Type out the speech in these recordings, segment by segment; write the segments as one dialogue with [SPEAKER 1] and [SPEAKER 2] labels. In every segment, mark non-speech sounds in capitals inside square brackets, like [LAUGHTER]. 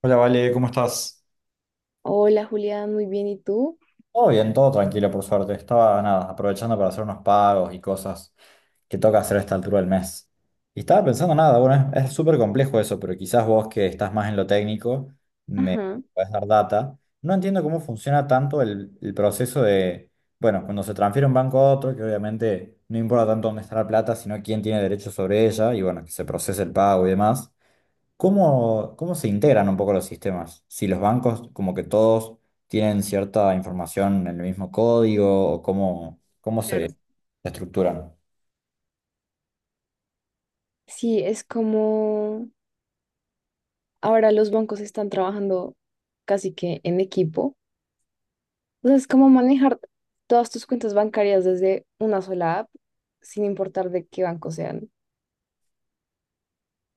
[SPEAKER 1] Hola, Vale, ¿cómo estás?
[SPEAKER 2] Hola Julián, muy bien, ¿y tú?
[SPEAKER 1] Todo bien, todo tranquilo, por suerte. Estaba nada, aprovechando para hacer unos pagos y cosas que toca hacer a esta altura del mes. Y estaba pensando nada, bueno, es súper complejo eso, pero quizás vos que estás más en lo técnico me
[SPEAKER 2] Ajá.
[SPEAKER 1] podés dar data. No entiendo cómo funciona tanto el proceso de, bueno, cuando se transfiere un banco a otro, que obviamente no importa tanto dónde está la plata, sino quién tiene derecho sobre ella y bueno, que se procese el pago y demás. ¿Cómo, cómo se integran un poco los sistemas? Si los bancos, como que todos tienen cierta información en el mismo código, o cómo, cómo
[SPEAKER 2] Claro.
[SPEAKER 1] se estructuran.
[SPEAKER 2] Sí, es como ahora los bancos están trabajando casi que en equipo. Entonces es como manejar todas tus cuentas bancarias desde una sola app, sin importar de qué banco sean.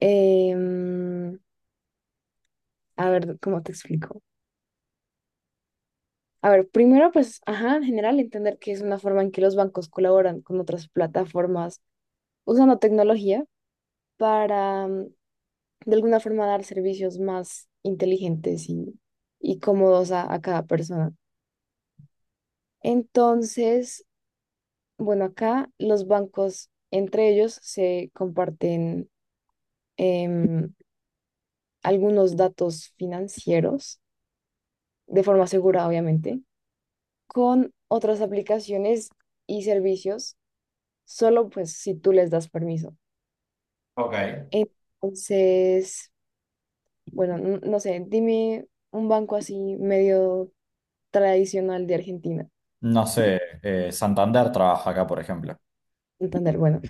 [SPEAKER 2] Em, a ver, ¿cómo te explico? A ver, primero, pues, ajá, en general, entender que es una forma en que los bancos colaboran con otras plataformas usando tecnología para de alguna forma dar servicios más inteligentes y cómodos a cada persona. Entonces, bueno, acá los bancos entre ellos se comparten em, algunos datos financieros de forma segura, obviamente, con otras aplicaciones y servicios, solo pues si tú les das permiso.
[SPEAKER 1] Ok.
[SPEAKER 2] Entonces, bueno, no sé, dime un banco así medio tradicional de Argentina.
[SPEAKER 1] No sé, Santander trabaja acá, por ejemplo.
[SPEAKER 2] Santander, bueno.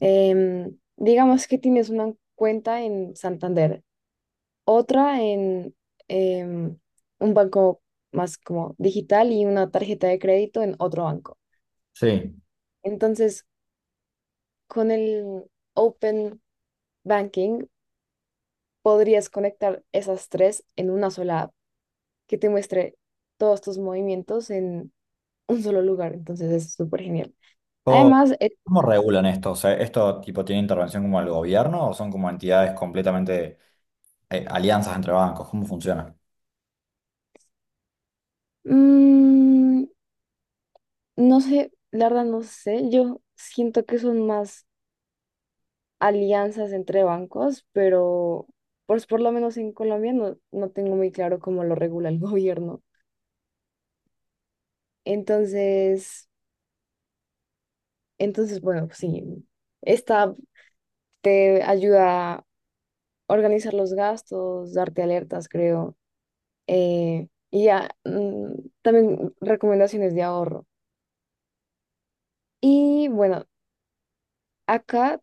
[SPEAKER 2] Digamos que tienes una cuenta en Santander, otra en em, un banco más como digital y una tarjeta de crédito en otro banco.
[SPEAKER 1] Sí.
[SPEAKER 2] Entonces, con el Open Banking podrías conectar esas tres en una sola app que te muestre todos tus movimientos en un solo lugar. Entonces, es súper genial.
[SPEAKER 1] ¿Cómo,
[SPEAKER 2] Además,
[SPEAKER 1] cómo regulan esto? O sea, ¿esto tipo tiene intervención como el gobierno o son como entidades completamente alianzas entre bancos? ¿Cómo funciona?
[SPEAKER 2] mm, no sé, la verdad no sé, yo siento que son más alianzas entre bancos, pero pues por lo menos en Colombia no tengo muy claro cómo lo regula el [LAUGHS] gobierno. Entonces, entonces, bueno, pues sí, esta te ayuda a organizar los gastos, darte alertas, creo, y ya, también recomendaciones de ahorro. Y bueno, acá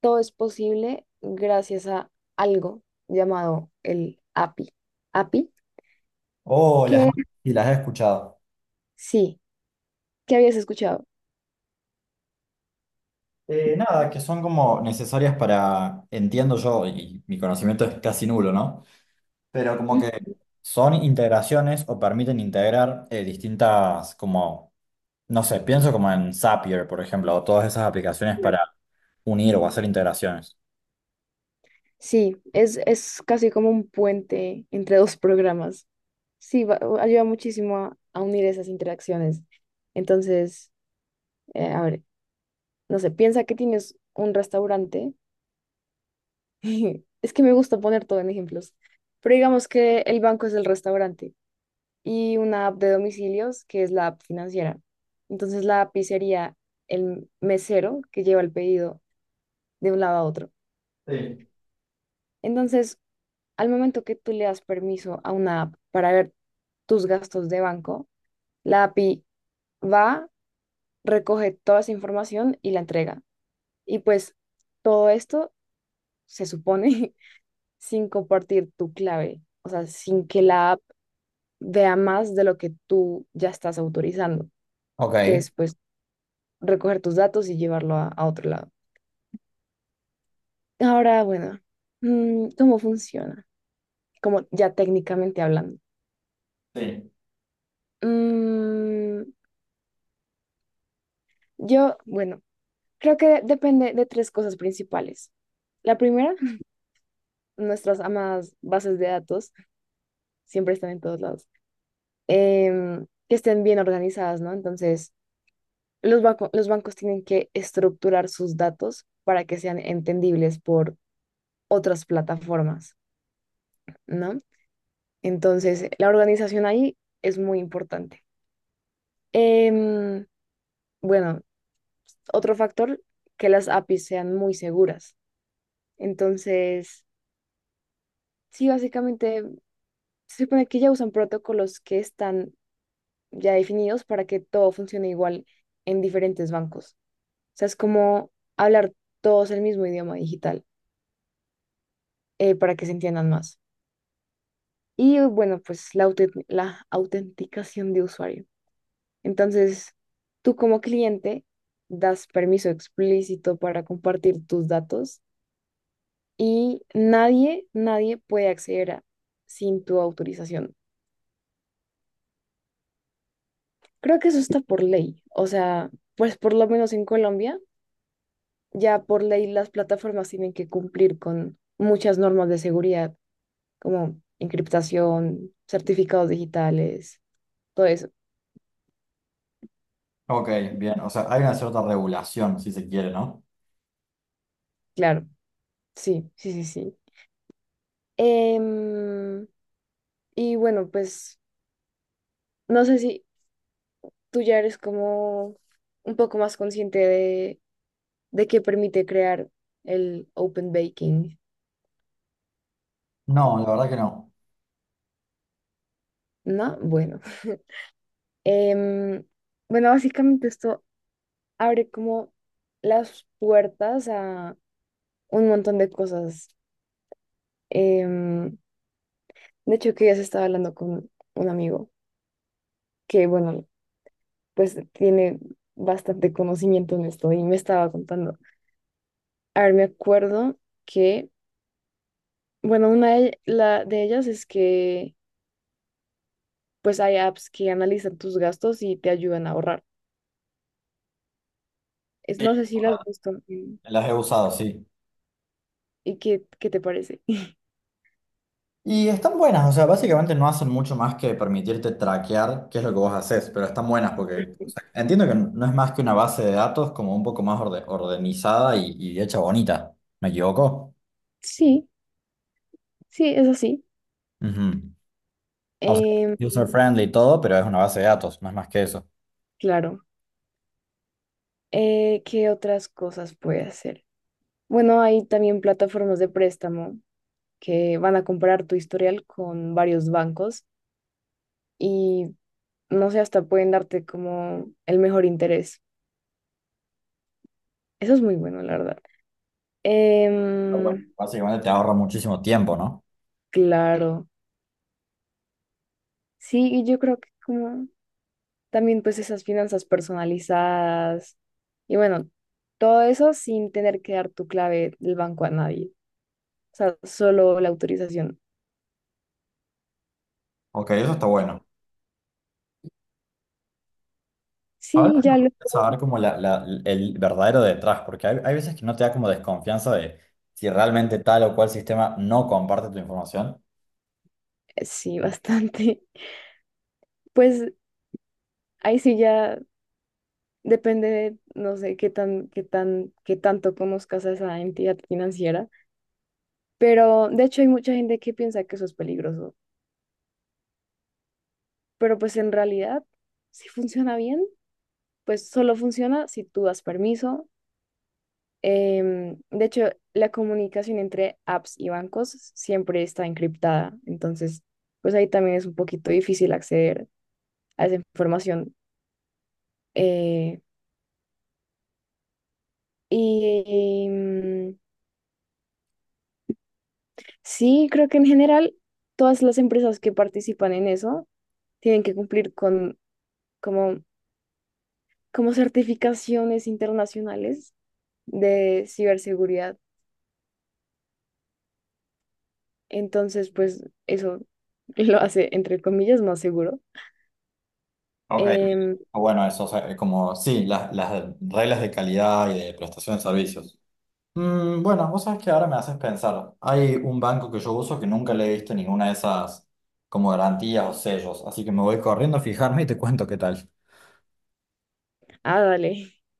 [SPEAKER 2] todo es posible gracias a algo llamado el API. API,
[SPEAKER 1] Oh, las,
[SPEAKER 2] que
[SPEAKER 1] y las he escuchado.
[SPEAKER 2] sí, que habías escuchado.
[SPEAKER 1] Nada, que son como necesarias para, entiendo yo, y mi conocimiento es casi nulo, ¿no? Pero como que
[SPEAKER 2] Ujú.
[SPEAKER 1] son integraciones o permiten integrar distintas, como, no sé, pienso como en Zapier, por ejemplo, o todas esas aplicaciones para unir o hacer integraciones.
[SPEAKER 2] Sí, es casi como un puente entre dos programas. Sí, ayuda muchísimo a unir esas interacciones. Entonces, a ver, no sé, piensa que tienes un restaurante. [LAUGHS] Es que me gusta poner todo en ejemplos. Pero digamos que el banco es el restaurante y una app de domicilios que es la app financiera. Entonces, la app sería el mesero que lleva el pedido de un lado a otro.
[SPEAKER 1] Sí,
[SPEAKER 2] Entonces, al momento que tú le das permiso a una app para ver tus gastos de banco, la API va, recoge toda esa información y la entrega. Y pues todo esto se supone [LAUGHS] sin compartir tu clave, o sea, sin que la app vea más de lo que tú ya estás autorizando, que
[SPEAKER 1] ok,
[SPEAKER 2] es pues recoger tus datos y llevarlo a otro lado. Ahora, bueno, ¿cómo funciona? Como ya técnicamente hablando.
[SPEAKER 1] sí.
[SPEAKER 2] Mm, bueno. Creo que depende de tres cosas principales. La primera, [LAUGHS] nuestras amadas bases de datos siempre están en todos lados, que estén bien organizadas, ¿no? Entonces, los bancos tienen que estructurar sus datos para que sean entendibles por otras plataformas, ¿no? Entonces, la organización ahí es muy importante. Em, bueno, otro factor, que las APIs sean muy seguras. Entonces, sí, básicamente se supone que ya usan protocolos que están ya definidos para que todo funcione igual en diferentes bancos. O sea, es como hablar todos el mismo idioma digital para que se entiendan más. Y bueno, pues la autenticación de usuario. Entonces, tú como cliente das permiso explícito para compartir tus datos y nadie, nadie puede acceder a- sin tu autorización. Creo que eso está por ley. O sea, pues por lo menos en Colombia ya por ley las plataformas tienen que cumplir con muchas normas de seguridad, como encriptación, certificados digitales, todo eso.
[SPEAKER 1] Ok, bien, o sea, hay una cierta regulación, si se quiere, ¿no?
[SPEAKER 2] Claro, sí, sí, sí, sí. Em, y bueno, pues no sé si tú ya eres como un poco más consciente de qué permite crear el Open Baking,
[SPEAKER 1] No, la verdad que no.
[SPEAKER 2] ¿no? Bueno. [LAUGHS] Em, bueno, básicamente esto abre como las puertas a un montón de cosas. Em, de hecho, que ya se estaba hablando con un amigo que, bueno, pues tiene bastante conocimiento en esto y me estaba contando. A ver, me acuerdo que, bueno, de ellas es que, pues hay apps que analizan tus gastos y te ayudan a ahorrar. Es, no sé si las has visto
[SPEAKER 1] Las he usado, sí.
[SPEAKER 2] y qué, qué te parece. [LAUGHS]
[SPEAKER 1] Y están buenas, o sea, básicamente no hacen mucho más que permitirte traquear qué es lo que vos haces, pero están buenas porque o sea, entiendo que no es más que una base de datos como un poco más ordenizada y hecha bonita, ¿me equivoco?
[SPEAKER 2] Sí, sí, es así.
[SPEAKER 1] Ujú. O sea,
[SPEAKER 2] Em,
[SPEAKER 1] user friendly y todo, pero es una base de datos, no es más que eso.
[SPEAKER 2] claro. ¿Qué otras cosas puede hacer? Bueno, hay también plataformas de préstamo que van a comparar tu historial con varios bancos y no sé, hasta pueden darte como el mejor interés. Eso es muy bueno, la verdad.
[SPEAKER 1] Está bueno.
[SPEAKER 2] Em,
[SPEAKER 1] Básicamente te ahorra muchísimo tiempo, ¿no?
[SPEAKER 2] claro, sí, y yo creo que como también pues esas finanzas personalizadas y bueno, todo eso sin tener que dar tu clave del banco a nadie, o sea, solo la autorización.
[SPEAKER 1] Ok, eso está bueno. Ahora
[SPEAKER 2] Sí,
[SPEAKER 1] me
[SPEAKER 2] ya lo...
[SPEAKER 1] gustaría saber como el verdadero detrás, porque hay veces que no te da como desconfianza de si realmente tal o cual sistema no comparte tu información.
[SPEAKER 2] sí, bastante. [LAUGHS] Pues ahí sí ya depende de, no sé, qué tanto conozcas a esa entidad financiera. Pero de hecho hay mucha gente que piensa que eso es peligroso. Pero pues en realidad, si funciona bien, pues solo funciona si tú das permiso. De hecho, la comunicación entre apps y bancos siempre está encriptada. Entonces, pues ahí también es un poquito difícil acceder a esa información. Eh, y sí, creo que en general todas las empresas que participan en eso tienen que cumplir con como, como certificaciones internacionales de ciberseguridad. Entonces, pues eso [LAUGHS] lo hace, entre comillas, más seguro.
[SPEAKER 1] Ok.
[SPEAKER 2] Em,
[SPEAKER 1] Bueno, eso, o sea, como, sí, las reglas de calidad y de prestación de servicios. Mm, bueno, vos sabés que ahora me haces pensar. Hay un banco que yo uso que nunca le he visto ninguna de esas como garantías o sellos, así que me voy corriendo a fijarme y te cuento qué tal.
[SPEAKER 2] ah, dale,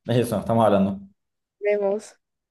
[SPEAKER 1] De eso estamos hablando.
[SPEAKER 2] vemos.